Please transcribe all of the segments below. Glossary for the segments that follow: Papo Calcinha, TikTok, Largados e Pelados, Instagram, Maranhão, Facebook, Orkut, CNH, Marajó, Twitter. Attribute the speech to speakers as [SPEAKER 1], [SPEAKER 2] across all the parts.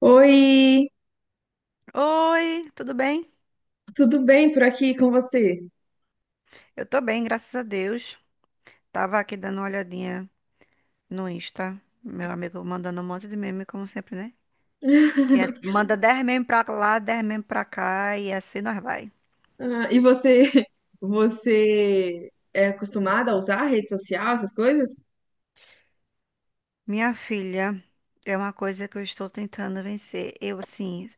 [SPEAKER 1] Oi,
[SPEAKER 2] Oi, tudo bem?
[SPEAKER 1] tudo bem por aqui com você?
[SPEAKER 2] Eu tô bem, graças a Deus. Tava aqui dando uma olhadinha no Insta, meu amigo mandando um monte de meme, como sempre, né? Que é, manda 10 meme pra lá, 10 meme pra cá e assim nós vai.
[SPEAKER 1] Ah, e você, você é acostumada a usar rede social, essas coisas?
[SPEAKER 2] Minha filha, é uma coisa que eu estou tentando vencer. Eu, assim,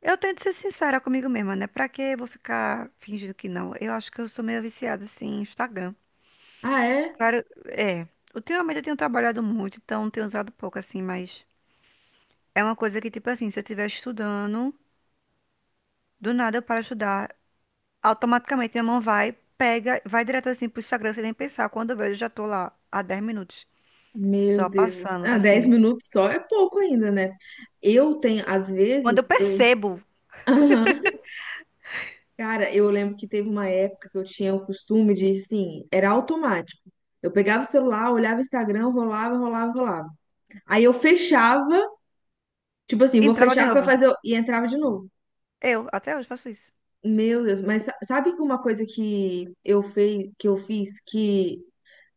[SPEAKER 2] eu tento ser sincera comigo mesma, né? Pra que eu vou ficar fingindo que não? Eu acho que eu sou meio viciada, assim, em Instagram.
[SPEAKER 1] Ah, é?
[SPEAKER 2] Claro, é. Ultimamente eu tenho trabalhado muito, então tenho usado pouco, assim, mas é uma coisa que, tipo assim, se eu estiver estudando, do nada eu paro de estudar, automaticamente minha mão vai, pega, vai direto assim pro Instagram sem nem pensar. Quando eu vejo, eu já tô lá há 10 minutos,
[SPEAKER 1] Meu
[SPEAKER 2] só
[SPEAKER 1] Deus.
[SPEAKER 2] passando,
[SPEAKER 1] Ah, dez
[SPEAKER 2] assim.
[SPEAKER 1] minutos só é pouco ainda, né? Eu tenho, às
[SPEAKER 2] Quando eu
[SPEAKER 1] vezes, eu...
[SPEAKER 2] percebo,
[SPEAKER 1] Aham. Cara, eu lembro que teve uma época que eu tinha o costume de, assim, era automático. Eu pegava o celular, olhava o Instagram, rolava, rolava, rolava. Aí eu fechava, tipo assim, vou
[SPEAKER 2] entrava de
[SPEAKER 1] fechar pra
[SPEAKER 2] novo.
[SPEAKER 1] fazer... E entrava de novo.
[SPEAKER 2] Eu, até hoje, faço isso.
[SPEAKER 1] Meu Deus, mas sabe que uma coisa que eu fiz que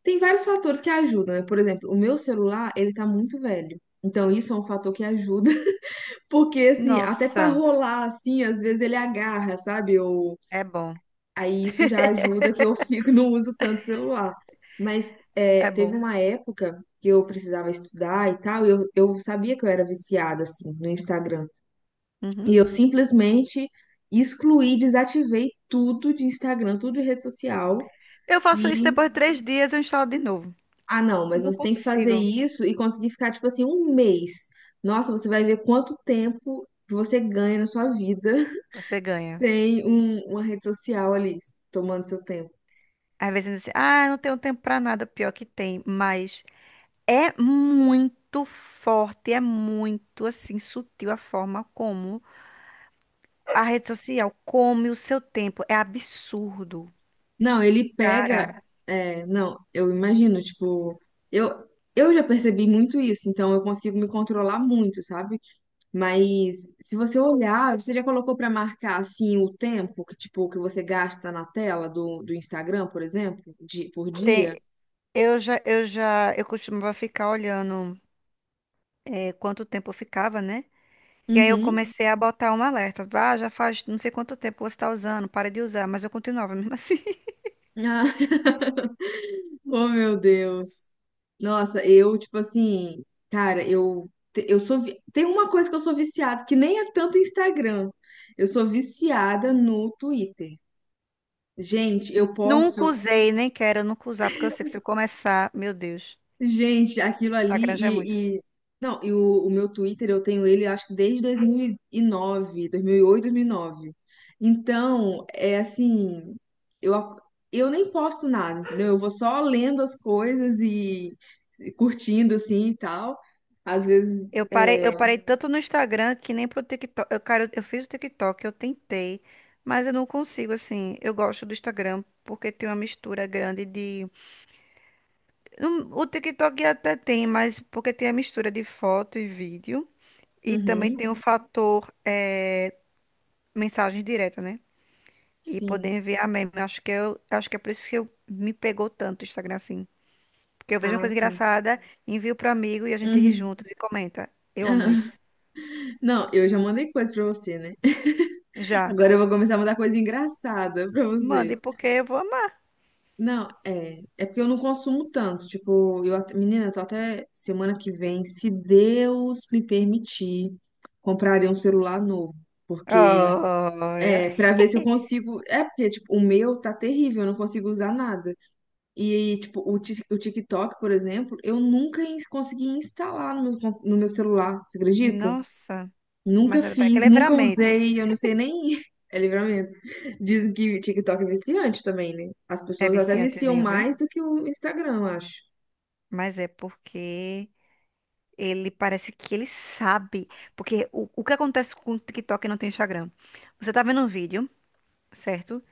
[SPEAKER 1] tem vários fatores que ajudam, né? Por exemplo, o meu celular, ele tá muito velho. Então isso é um fator que ajuda, porque assim, até pra
[SPEAKER 2] Nossa,
[SPEAKER 1] rolar assim, às vezes ele agarra, sabe? Eu...
[SPEAKER 2] é bom,
[SPEAKER 1] Aí isso já ajuda que eu fico não uso tanto celular. Mas é,
[SPEAKER 2] é
[SPEAKER 1] teve
[SPEAKER 2] bom.
[SPEAKER 1] uma época que eu precisava estudar e tal, e eu sabia que eu era viciada assim no Instagram.
[SPEAKER 2] Uhum.
[SPEAKER 1] E eu simplesmente excluí, desativei tudo de Instagram, tudo de rede social.
[SPEAKER 2] Eu faço isso
[SPEAKER 1] E,
[SPEAKER 2] depois de 3 dias, eu instalo de novo.
[SPEAKER 1] ah, não,
[SPEAKER 2] Eu
[SPEAKER 1] mas
[SPEAKER 2] não
[SPEAKER 1] você tem que fazer
[SPEAKER 2] consigo.
[SPEAKER 1] isso e conseguir ficar, tipo assim, um mês. Nossa, você vai ver quanto tempo que você ganha na sua vida
[SPEAKER 2] Você ganha.
[SPEAKER 1] sem uma rede social ali, tomando seu tempo.
[SPEAKER 2] Às vezes, assim, ah, eu não tenho tempo pra nada. Pior que tem, mas é muito forte, é muito assim sutil a forma como a rede social come o seu tempo. É absurdo,
[SPEAKER 1] Não, ele
[SPEAKER 2] cara.
[SPEAKER 1] pega. É, não, eu imagino, tipo, eu, eu já percebi muito isso, então eu consigo me controlar muito, sabe? Mas se você olhar, você já colocou para marcar assim o tempo que tipo que você gasta na tela do Instagram, por exemplo, de, por
[SPEAKER 2] Tem,
[SPEAKER 1] dia?
[SPEAKER 2] eu já, eu costumava ficar olhando é, quanto tempo eu ficava, né? E aí eu
[SPEAKER 1] Uhum.
[SPEAKER 2] comecei a botar um alerta. Ah, já faz não sei quanto tempo você está usando, para de usar. Mas eu continuava mesmo assim.
[SPEAKER 1] Ah, oh meu Deus. Nossa, eu tipo assim, cara, tem uma coisa que eu sou viciada, que nem é tanto Instagram. Eu sou viciada no Twitter. Gente, eu
[SPEAKER 2] Nunca
[SPEAKER 1] posso
[SPEAKER 2] usei, nem quero nunca usar, porque eu sei que se eu começar, meu Deus,
[SPEAKER 1] Gente, aquilo ali
[SPEAKER 2] Instagram já é muito.
[SPEAKER 1] e, e- não, e o meu Twitter eu tenho ele acho que desde dois mil e nove, oito, 2009. Então, é assim, eu a- eu nem posto nada, entendeu? Eu vou só lendo as coisas e curtindo assim e tal. Às vezes,
[SPEAKER 2] Eu parei tanto no Instagram que nem pro TikTok. Eu, cara, eu fiz o TikTok, eu tentei, mas eu não consigo, assim. Eu gosto do Instagram porque tem uma mistura grande de. O TikTok até tem, mas porque tem a mistura de foto e vídeo. E também
[SPEAKER 1] uhum,
[SPEAKER 2] tem o fator mensagem direta, né? E poder
[SPEAKER 1] sim.
[SPEAKER 2] enviar meme. Acho que eu, acho que é por isso que eu, me pegou tanto o Instagram assim. Porque eu vejo uma
[SPEAKER 1] Ah,
[SPEAKER 2] coisa
[SPEAKER 1] sim.
[SPEAKER 2] engraçada, envio pro amigo e a gente ri
[SPEAKER 1] Uhum.
[SPEAKER 2] juntos e comenta. Eu amo isso.
[SPEAKER 1] Não, eu já mandei coisa pra você, né?
[SPEAKER 2] Já.
[SPEAKER 1] Agora eu vou começar a mandar coisa engraçada pra você.
[SPEAKER 2] Mande, porque eu vou.
[SPEAKER 1] Não, é. É porque eu não consumo tanto. Tipo, menina, eu tô até semana que vem, se Deus me permitir, comprarei um celular novo. Porque,
[SPEAKER 2] Olha.
[SPEAKER 1] é, pra ver se eu consigo. É, porque, tipo, o, meu tá terrível, eu não consigo usar nada. E, tipo, o TikTok, por exemplo, eu nunca consegui instalar no meu celular, você acredita?
[SPEAKER 2] Nossa,
[SPEAKER 1] Nunca
[SPEAKER 2] mas é que
[SPEAKER 1] fiz, nunca
[SPEAKER 2] Livramento
[SPEAKER 1] usei, eu não sei nem. É livramento. Dizem que TikTok é viciante também, né? As
[SPEAKER 2] é
[SPEAKER 1] pessoas até viciam
[SPEAKER 2] viciantezinho, viu?
[SPEAKER 1] mais do que o Instagram, eu acho.
[SPEAKER 2] Mas é porque ele parece que ele sabe. Porque o que acontece com o TikTok e não tem Instagram? Você tá vendo um vídeo, certo?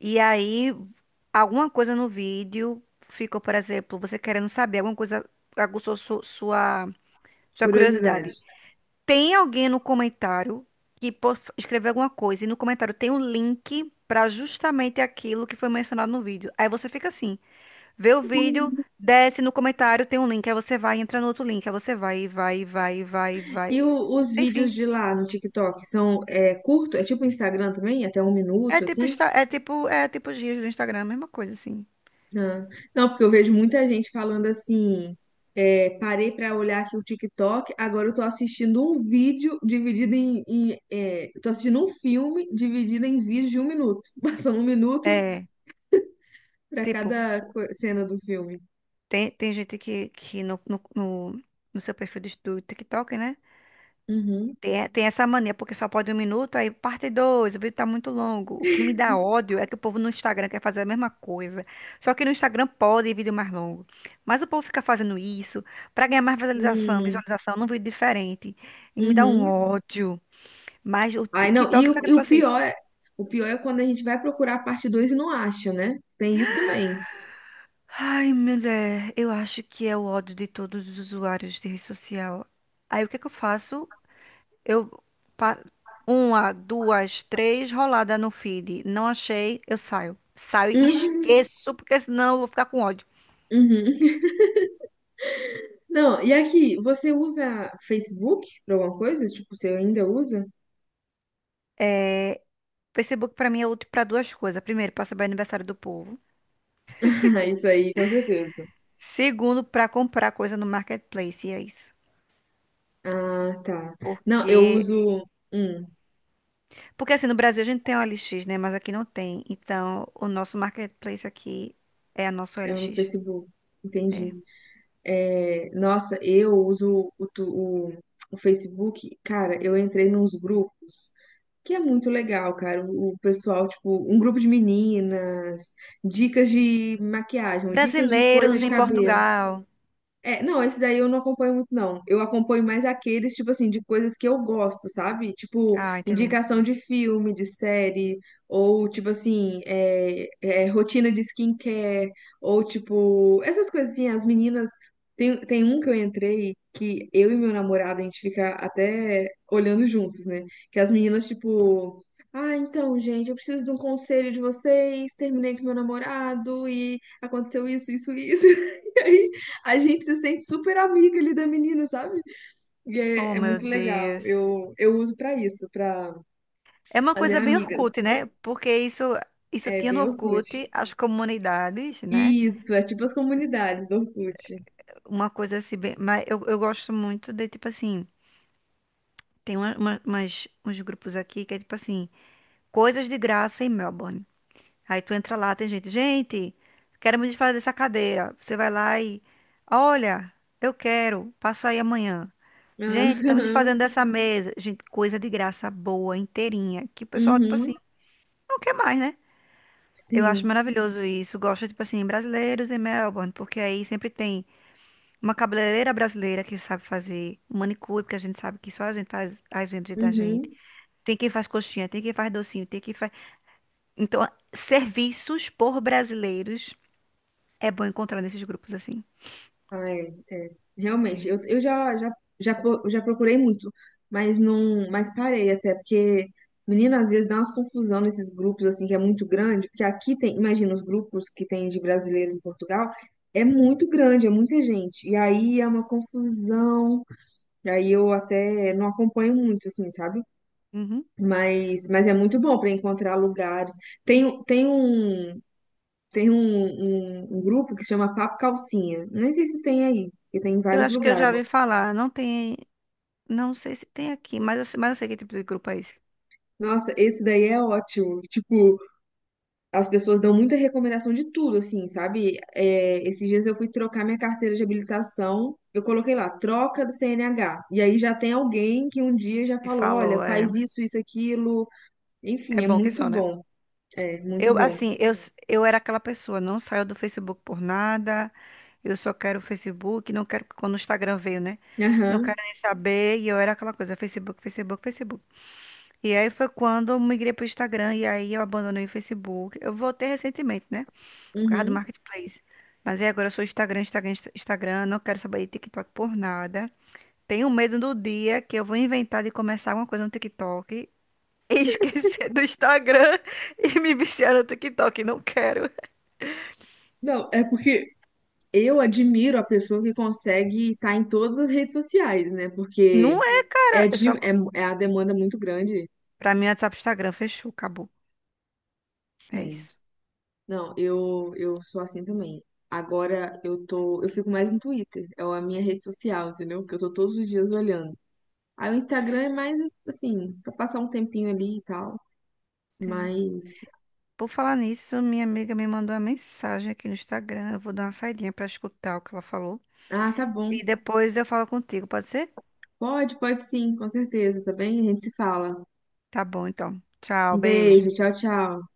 [SPEAKER 2] E aí, alguma coisa no vídeo ficou, por exemplo, você querendo saber, alguma coisa aguçou sua
[SPEAKER 1] Curiosidade.
[SPEAKER 2] curiosidade. Tem alguém no comentário que possa escrever alguma coisa e no comentário tem um link para justamente aquilo que foi mencionado no vídeo. Aí você fica assim, vê o vídeo, desce no comentário, tem um link, aí você vai, entra no outro link, aí você vai, e vai, e vai, e vai, e
[SPEAKER 1] E
[SPEAKER 2] vai.
[SPEAKER 1] os
[SPEAKER 2] Enfim,
[SPEAKER 1] vídeos de lá no TikTok são curto? É tipo Instagram também? Até um
[SPEAKER 2] é
[SPEAKER 1] minuto,
[SPEAKER 2] tipo,
[SPEAKER 1] assim?
[SPEAKER 2] É tipo, é tipo os dias do Instagram, a mesma coisa assim.
[SPEAKER 1] Ah, não, porque eu vejo muita gente falando assim. É, parei pra olhar aqui o TikTok, agora eu tô assistindo um vídeo dividido em eu tô assistindo um filme dividido em vídeos de um minuto. Passando um minuto
[SPEAKER 2] É,
[SPEAKER 1] pra
[SPEAKER 2] tipo,
[SPEAKER 1] cada cena do filme.
[SPEAKER 2] tem, tem gente que no, no seu perfil do do TikTok, né?
[SPEAKER 1] Uhum.
[SPEAKER 2] Tem, tem essa mania, porque só pode um minuto, aí parte dois, o vídeo tá muito longo. O que me dá ódio é que o povo no Instagram quer fazer a mesma coisa. Só que no Instagram pode vídeo mais longo. Mas o povo fica fazendo isso pra ganhar mais visualização,
[SPEAKER 1] Hum,
[SPEAKER 2] visualização num vídeo diferente. E me dá um
[SPEAKER 1] uhum.
[SPEAKER 2] ódio. Mas o
[SPEAKER 1] Ai, não, e
[SPEAKER 2] TikTok
[SPEAKER 1] o,
[SPEAKER 2] foi que
[SPEAKER 1] e o
[SPEAKER 2] trouxe isso.
[SPEAKER 1] pior é, o pior é quando a gente vai procurar a parte 2 e não acha, né? Tem isso também.
[SPEAKER 2] Ai, mulher, eu acho que é o ódio de todos os usuários de rede social. Aí o que é que eu faço? Eu pa- uma, duas, três rolada no feed. Não achei, eu saio. Saio e
[SPEAKER 1] Uhum.
[SPEAKER 2] esqueço, porque senão eu vou ficar com ódio.
[SPEAKER 1] Uhum. Não, e aqui, você usa Facebook pra alguma coisa? Tipo, você ainda usa?
[SPEAKER 2] Facebook pra mim é útil pra duas coisas. Primeiro, pra saber aniversário do povo.
[SPEAKER 1] Ah, isso aí, com certeza.
[SPEAKER 2] Segundo, pra comprar coisa no marketplace, e é isso.
[SPEAKER 1] Ah, tá. Não, eu
[SPEAKER 2] Porque
[SPEAKER 1] uso. Hum,
[SPEAKER 2] porque assim no Brasil a gente tem o OLX, né, mas aqui não tem. Então, o nosso marketplace aqui é a nossa
[SPEAKER 1] é no
[SPEAKER 2] OLX.
[SPEAKER 1] Facebook.
[SPEAKER 2] É.
[SPEAKER 1] Entendi. É, nossa, eu uso o, o Facebook, cara, eu entrei nos grupos, que é muito legal, cara. O pessoal, tipo, um grupo de meninas, dicas de maquiagem, dicas de coisa
[SPEAKER 2] Brasileiros
[SPEAKER 1] de
[SPEAKER 2] em
[SPEAKER 1] cabelo.
[SPEAKER 2] Portugal.
[SPEAKER 1] É, não, esse daí eu não acompanho muito, não. Eu acompanho mais aqueles, tipo assim, de coisas que eu gosto, sabe? Tipo,
[SPEAKER 2] Ah, entendi.
[SPEAKER 1] indicação de filme, de série, ou tipo assim, rotina de skincare, ou tipo, essas coisas assim, as meninas. Tem um que eu entrei que eu e meu namorado, a gente fica até olhando juntos, né? Que as meninas, tipo. Ah, então, gente, eu preciso de um conselho de vocês. Terminei com meu namorado e aconteceu isso, isso, isso. a gente se sente super amiga ali da menina, sabe? E
[SPEAKER 2] Oh,
[SPEAKER 1] é
[SPEAKER 2] meu
[SPEAKER 1] muito legal.
[SPEAKER 2] Deus.
[SPEAKER 1] Eu uso pra isso, pra
[SPEAKER 2] É uma
[SPEAKER 1] fazer
[SPEAKER 2] coisa bem Orkut,
[SPEAKER 1] amigas.
[SPEAKER 2] né? Porque isso
[SPEAKER 1] É
[SPEAKER 2] tinha no
[SPEAKER 1] bem Orkut.
[SPEAKER 2] Orkut, as comunidades, né?
[SPEAKER 1] Isso, é tipo as comunidades do Orkut.
[SPEAKER 2] Uma coisa assim, bem... mas eu gosto muito de, tipo assim, tem uns grupos aqui que é tipo assim, coisas de graça em Melbourne. Aí tu entra lá, tem gente, gente, quero me desfazer dessa cadeira. Você vai lá e, olha, eu quero, passo aí amanhã.
[SPEAKER 1] Ah,
[SPEAKER 2] Gente, estamos desfazendo dessa mesa. Gente, coisa de graça boa, inteirinha, que o pessoal, tipo assim,
[SPEAKER 1] uhum,
[SPEAKER 2] não quer mais, né? Eu
[SPEAKER 1] sim.
[SPEAKER 2] acho maravilhoso isso. Gosto, tipo assim, brasileiros em Melbourne, porque aí sempre tem uma cabeleireira brasileira que sabe fazer manicure, porque a gente sabe que só a gente faz as vendas da gente.
[SPEAKER 1] Uhum.
[SPEAKER 2] Tem quem faz coxinha, tem quem faz docinho, tem quem faz. Então, serviços por brasileiros é bom encontrar nesses grupos assim.
[SPEAKER 1] Ah, é, é. Realmente,
[SPEAKER 2] É.
[SPEAKER 1] eu já procurei muito, mas não, mas parei até, porque, menina, às vezes dá umas confusão nesses grupos, assim, que é muito grande, porque aqui tem, imagina, os grupos que tem de brasileiros em Portugal, é muito grande, é muita gente, e aí é uma confusão, e aí eu até não acompanho muito, assim, sabe?
[SPEAKER 2] Uhum.
[SPEAKER 1] Mas é muito bom para encontrar lugares. Tem, tem um, tem um grupo que chama Papo Calcinha. Nem sei se tem aí, porque tem em
[SPEAKER 2] Eu
[SPEAKER 1] vários
[SPEAKER 2] acho que eu já ouvi
[SPEAKER 1] lugares.
[SPEAKER 2] falar. Não tem. Não sei se tem aqui, mas eu sei que tipo de grupo é esse.
[SPEAKER 1] Nossa, esse daí é ótimo. Tipo, as pessoas dão muita recomendação de tudo, assim, sabe? É, esses dias eu fui trocar minha carteira de habilitação. Eu coloquei lá, troca do CNH. E aí já tem alguém que um dia já
[SPEAKER 2] E
[SPEAKER 1] falou: olha,
[SPEAKER 2] falou, é,
[SPEAKER 1] faz isso, isso, aquilo.
[SPEAKER 2] é
[SPEAKER 1] Enfim, é
[SPEAKER 2] bom que
[SPEAKER 1] muito
[SPEAKER 2] só, né?
[SPEAKER 1] bom. É, muito
[SPEAKER 2] Eu,
[SPEAKER 1] bom.
[SPEAKER 2] assim, eu era aquela pessoa, não saio do Facebook por nada, eu só quero o Facebook, não quero, quando o Instagram veio, né? Não quero
[SPEAKER 1] Aham,
[SPEAKER 2] nem saber, e eu era aquela coisa, Facebook, Facebook, Facebook. E aí foi quando eu migrei pro Instagram, e aí eu abandonei o Facebook. Eu voltei recentemente, né? Por causa do
[SPEAKER 1] uhum.
[SPEAKER 2] Marketplace. Mas aí agora eu sou Instagram, Instagram, Instagram, não quero saber de TikTok por nada. Tenho medo do dia que eu vou inventar de começar alguma coisa no TikTok e esquecer do Instagram e me viciar no TikTok. Não quero.
[SPEAKER 1] Não, é porque eu admiro a pessoa que consegue estar em todas as redes sociais, né? Porque
[SPEAKER 2] Não é, cara.
[SPEAKER 1] É,
[SPEAKER 2] Eu
[SPEAKER 1] de,
[SPEAKER 2] só...
[SPEAKER 1] é, é a demanda muito grande.
[SPEAKER 2] Pra mim, WhatsApp, Instagram, fechou, acabou. É
[SPEAKER 1] É.
[SPEAKER 2] isso.
[SPEAKER 1] Não, eu sou assim também. Agora eu fico mais no Twitter, é a minha rede social, entendeu? Porque eu tô todos os dias olhando. Aí o Instagram é mais assim, pra passar um tempinho ali e tal.
[SPEAKER 2] É.
[SPEAKER 1] Mas,
[SPEAKER 2] Por falar nisso, minha amiga me mandou uma mensagem aqui no Instagram. Eu vou dar uma saidinha pra escutar o que ela falou.
[SPEAKER 1] ah, tá bom.
[SPEAKER 2] E depois eu falo contigo, pode ser?
[SPEAKER 1] Pode, pode sim, com certeza, tá bem? A gente se fala.
[SPEAKER 2] Tá bom, então. Tchau,
[SPEAKER 1] Um
[SPEAKER 2] beijo.
[SPEAKER 1] beijo, tchau, tchau.